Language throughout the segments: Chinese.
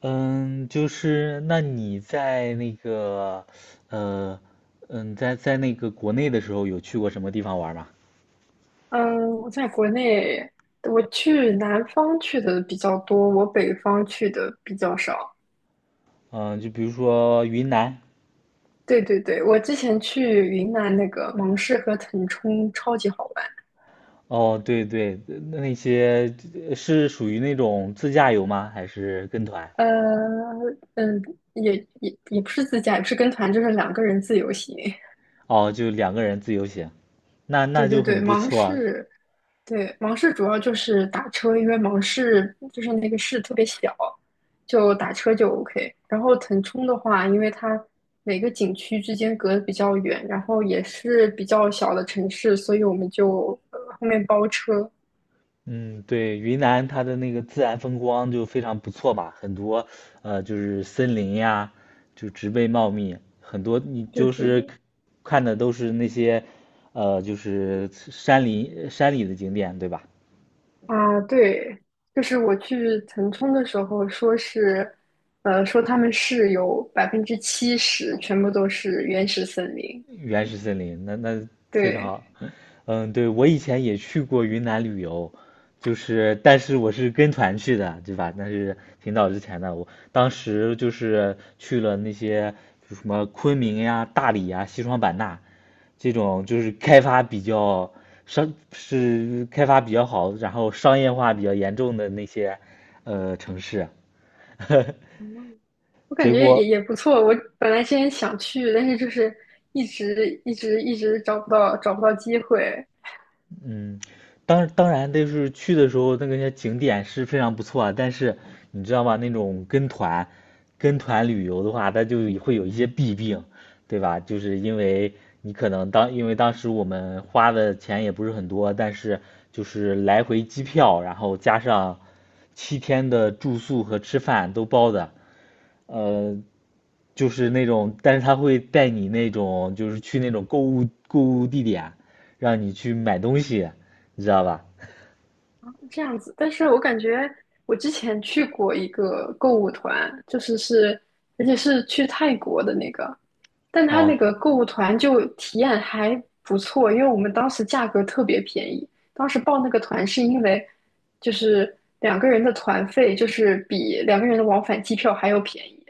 嗯，就是那你在那个，呃，嗯，在那个国内的时候，有去过什么地方玩吗？嗯，我在国内，我去南方去的比较多，我北方去的比较少。嗯，就比如说云南。对对对，我之前去云南那个芒市和腾冲超级好玩。哦，对对，那那些是属于那种自驾游吗？还是跟团？呃，嗯，也也不是自驾，也不是跟团，就是两个人自由行。哦，就两个人自由行，那 那对对就对，很不错。对，芒市主要就是打车，因为芒市就是那个市特别小，就打车就 OK。然后腾冲的话，因为它每个景区之间隔得比较远，然后也是比较小的城市，所以我们就后面包车。嗯，对，云南它的那个自然风光就非常不错吧，很多就是森林呀，就植被茂密，很多你对就对是对，看的都是那些就是山林山里的景点，对吧？啊对，就是我去腾冲的时候，说他们市有70%全部都是原始森林，原始森林，那那非常对。好。嗯，对，我以前也去过云南旅游，就是但是我是跟团去的，对吧？那是挺早之前的，我当时就是去了那些就什么昆明呀、大理呀、西双版纳这种，就是开发比较商是开发比较好，然后商业化比较严重的那些城市啊，嗯，我 感结觉也果也不错。我本来之前想去，但是就是一直找不到机会嗯，当当然，就是去的时候那个些景点是非常不错啊，但是你知道吗？那种跟团旅游的话，它就会有一些弊病，对吧？就是因为你可能当因为当时我们花的钱也不是很多，但是就是来回机票，然后加上七天的住宿和吃饭都包的，呃，就是那种，但是他会带你那种，就是去那种购物地点，让你去买东西，你知道吧？这样子。但是我感觉我之前去过一个购物团，而且是去泰国的那个，但他哦，那个购物团就体验还不错，因为我们当时价格特别便宜。当时报那个团是因为就是两个人的团费就是比两个人的往返机票还要便宜。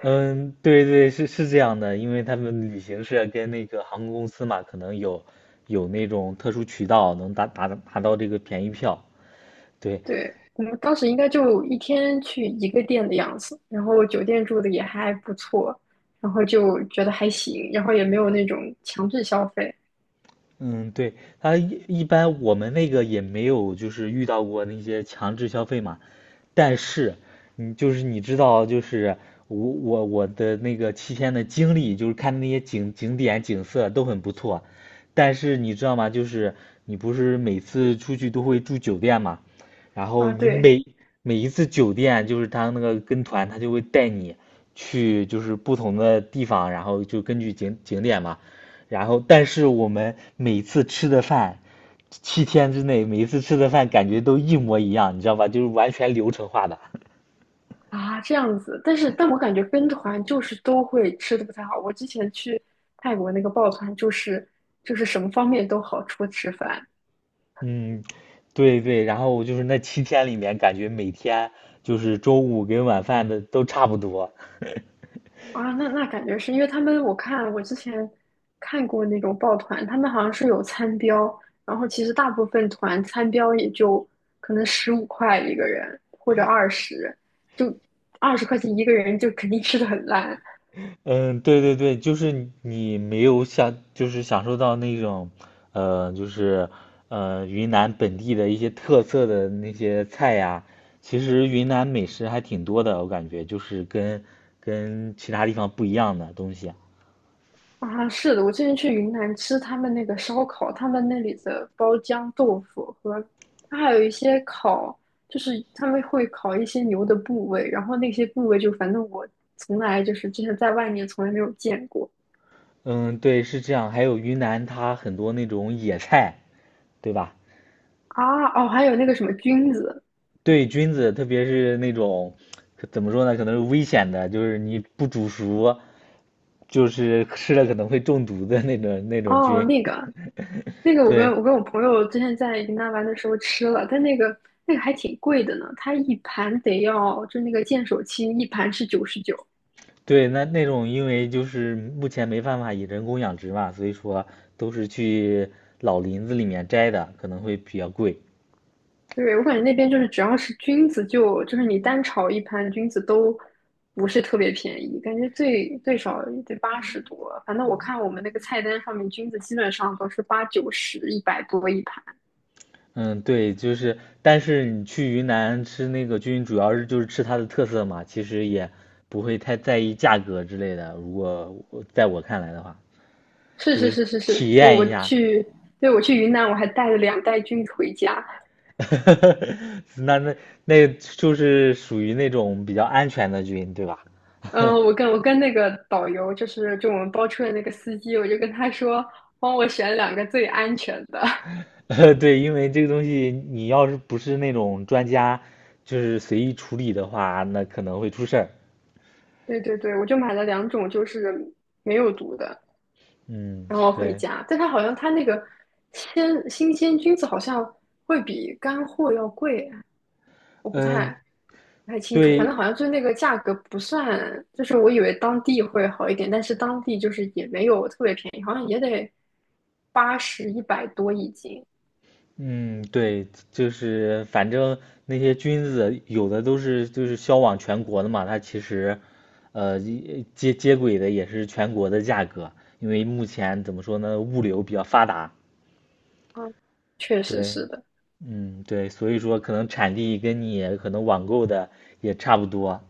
嗯，对对，是是这样的，因为他们旅行社跟那个航空公司嘛，可能有有那种特殊渠道能达达达到这个便宜票。对，对，我们当时应该就一天去一个店的样子，然后酒店住的也还不错，然后就觉得还行，然后也没有那种强制消费嗯，对，他一般我们那个也没有就是遇到过那些强制消费嘛，但是你就是你知道，就是我的那个七天的经历，就是看那些景景点景色都很不错，但是你知道吗？就是你不是每次出去都会住酒店嘛，然后啊，你对每每一次酒店，就是他那个跟团，他就会带你去就是不同的地方，然后就根据景景点嘛，然后但是我们每次吃的饭七天之内，每一次吃的饭感觉都一模一样，你知道吧？就是完全流程化的。啊，这样子。但我感觉跟团就是都会吃的不太好。我之前去泰国那个抱团，就是什么方面都好，除了吃饭。嗯，对对。然后就是那七天里面，感觉每天就是中午跟晚饭的都差不多。啊，那感觉是因为他们，我之前看过那种抱团，他们好像是有餐标，然后其实大部分团餐标也就可能15块一个人或者二十，就20块钱一个人就肯定吃的很烂嗯，对对对，就是你没有享，就是享受到那种，就是云南本地的一些特色的那些菜呀。其实云南美食还挺多的，我感觉就是跟其他地方不一样的东西啊。啊。是的，我之前去云南吃他们那个烧烤，他们那里的包浆豆腐和它还有一些烤，就是他们会烤一些牛的部位，然后那些部位就反正我从来就是之前在外面从来没有见过。嗯，对，是这样。还有云南，它很多那种野菜，对吧？啊，哦，还有那个什么菌子，对菌子，特别是那种怎么说呢，可能是危险的，就是你不煮熟，就是吃了可能会中毒的那种哦，菌。我跟对我跟我朋友之前在云南玩的时候吃了，但那个还挺贵的呢，它一盘得要，就那个见手青一盘是99，对，那那种因为就是目前没办法以人工养殖嘛，所以说都是去老林子里面摘的，可能会比较贵。对，我感觉那边就是只要是菌子就是你单炒一盘菌子都不是特别便宜，感觉最少也得80多，反正我看我们那个菜单上面菌子基本上都是八九十一百多一盘。嗯，对，就是，但是你去云南吃那个菌，主要是就是吃它的特色嘛，其实也不会太在意价格之类的。如果我在我看来的话，是就是是是是体是，验一下，对，我去云南，我还带了两袋菌回家。那那那就是属于那种比较安全的菌，对吧？嗯，我跟那个导游，就我们包车的那个司机，我就跟他说，帮我选两个最安全的。对，因为这个东西你要是不是那种专家，就是随意处理的话，那可能会出事儿。对对对，我就买了两种，就是没有毒的，嗯，然后回对，家。但他好像他那个新鲜菌子好像会比干货要贵，我不太嗯，不太清楚，反正对，好像就是那个价格不算，就是我以为当地会好一点，但是当地就是也没有特别便宜，好像也得八十一百多一斤。嗯，对，就是反正那些菌子有的都是就是销往全国的嘛，它其实，一接接轨的也是全国的价格，因为目前怎么说呢，物流比较发达，嗯，确实对，是的。嗯，对，所以说可能产地跟你可能网购的也差不多，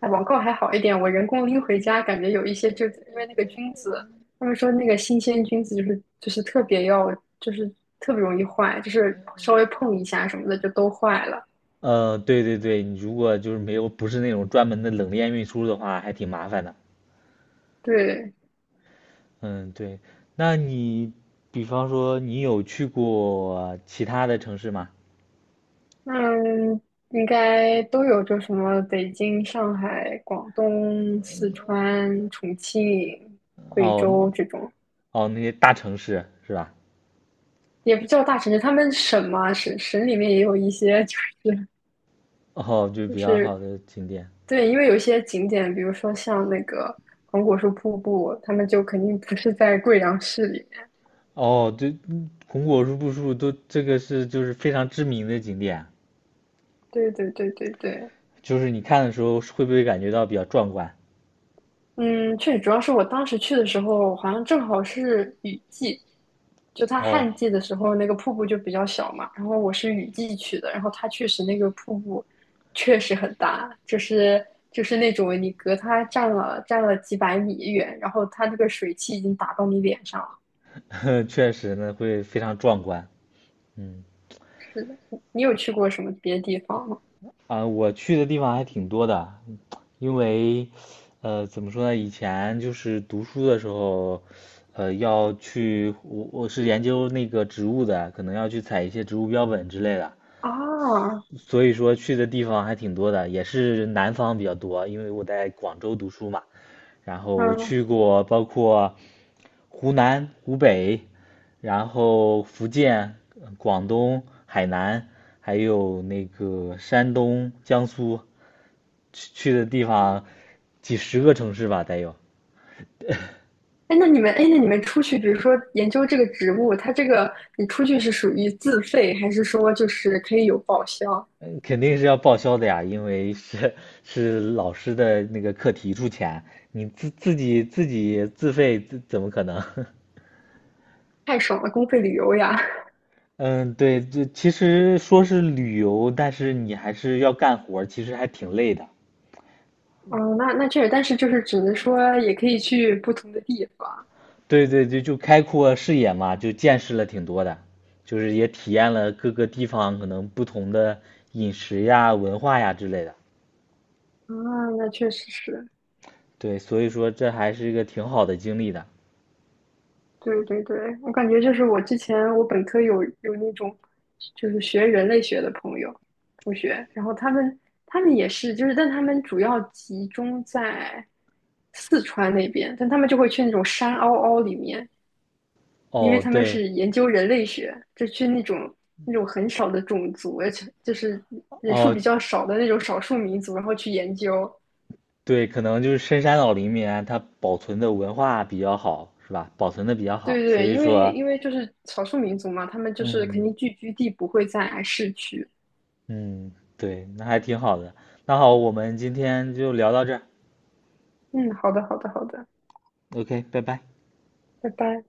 哎，网购还好一点，我人工拎回家，感觉有一些就因为那个菌子，他们说那个新鲜菌子就是就是特别容易坏，就是稍微碰一下什么的就都坏了。对对对，你如果就是没有不是那种专门的冷链运输的话，还挺麻烦的，对，嗯，对，那你比方说你有去过其他的城市吗？嗯，应该都有，就什么北京、上海、广东、四川、重庆、贵哦州这种，哦，那些大城市是吧？也不叫大城市，他们省嘛，省里面也有一些，就是哦，就就比较是好的景点。对，因为有一些景点，比如说像那个黄果树瀑布，他们就肯定不是在贵阳市里面。哦，对，嗯红果树、布树都这个是就是非常知名的景点，对对对对对，就是你看的时候会不会感觉到比较壮观？嗯，确实，主要是我当时去的时候，好像正好是雨季，就它哦，旱季的时候，那个瀑布就比较小嘛。然后我是雨季去的，然后它确实那个瀑布确实很大，就是那种你隔它站了几百米远，然后它那个水汽已经打到你脸上了。确实呢，会非常壮观。嗯，你有去过什么别的地方吗？啊，我去的地方还挺多的，因为，呃，怎么说呢？以前就是读书的时候，要去我是研究那个植物的，可能要去采一些植物标本之类的。啊，所以说去的地方还挺多的，也是南方比较多，因为我在广州读书嘛，然后嗯。去过包括湖南、湖北，然后福建、广东、海南，还有那个山东、江苏，去去的地方几十个城市吧，得有。哎，那你们出去，比如说研究这个植物，它这个你出去是属于自费，还是说就是可以有报销？嗯肯定是要报销的呀，因为是老师的那个课题出钱，你自己自费，怎么可能？太爽了，公费旅游呀！嗯，对，这其实说是旅游，但是你还是要干活儿其实还挺累的。嗯，那确实，但是就是只能说也可以去不同的地方对对对，就开阔视野嘛，就见识了挺多的，就是也体验了各个地方可能不同的饮食呀、文化呀之类的。啊，那确实是。对，所以说这还是一个挺好的经历的。对对对，我感觉就是我之前我本科有那种就是学人类学的朋友同学，然后他们也是就是，但他们主要集中在四川那边，但他们就会去那种山凹凹里面，因为哦，他们对，是研究人类学，就去那种很少的种族，而且就是人数哦，比较少的那种少数民族，然后去研究。对，可能就是深山老林里面它保存的文化比较好，是吧？保存的比较对好，所对，以因为说，因为就是少数民族嘛，他们就是肯嗯。定聚居地不会在市区，嗯，对，那还挺好的。那好，我们今天就聊到这儿。嗯，好的，好的，好的，OK，拜拜。拜拜。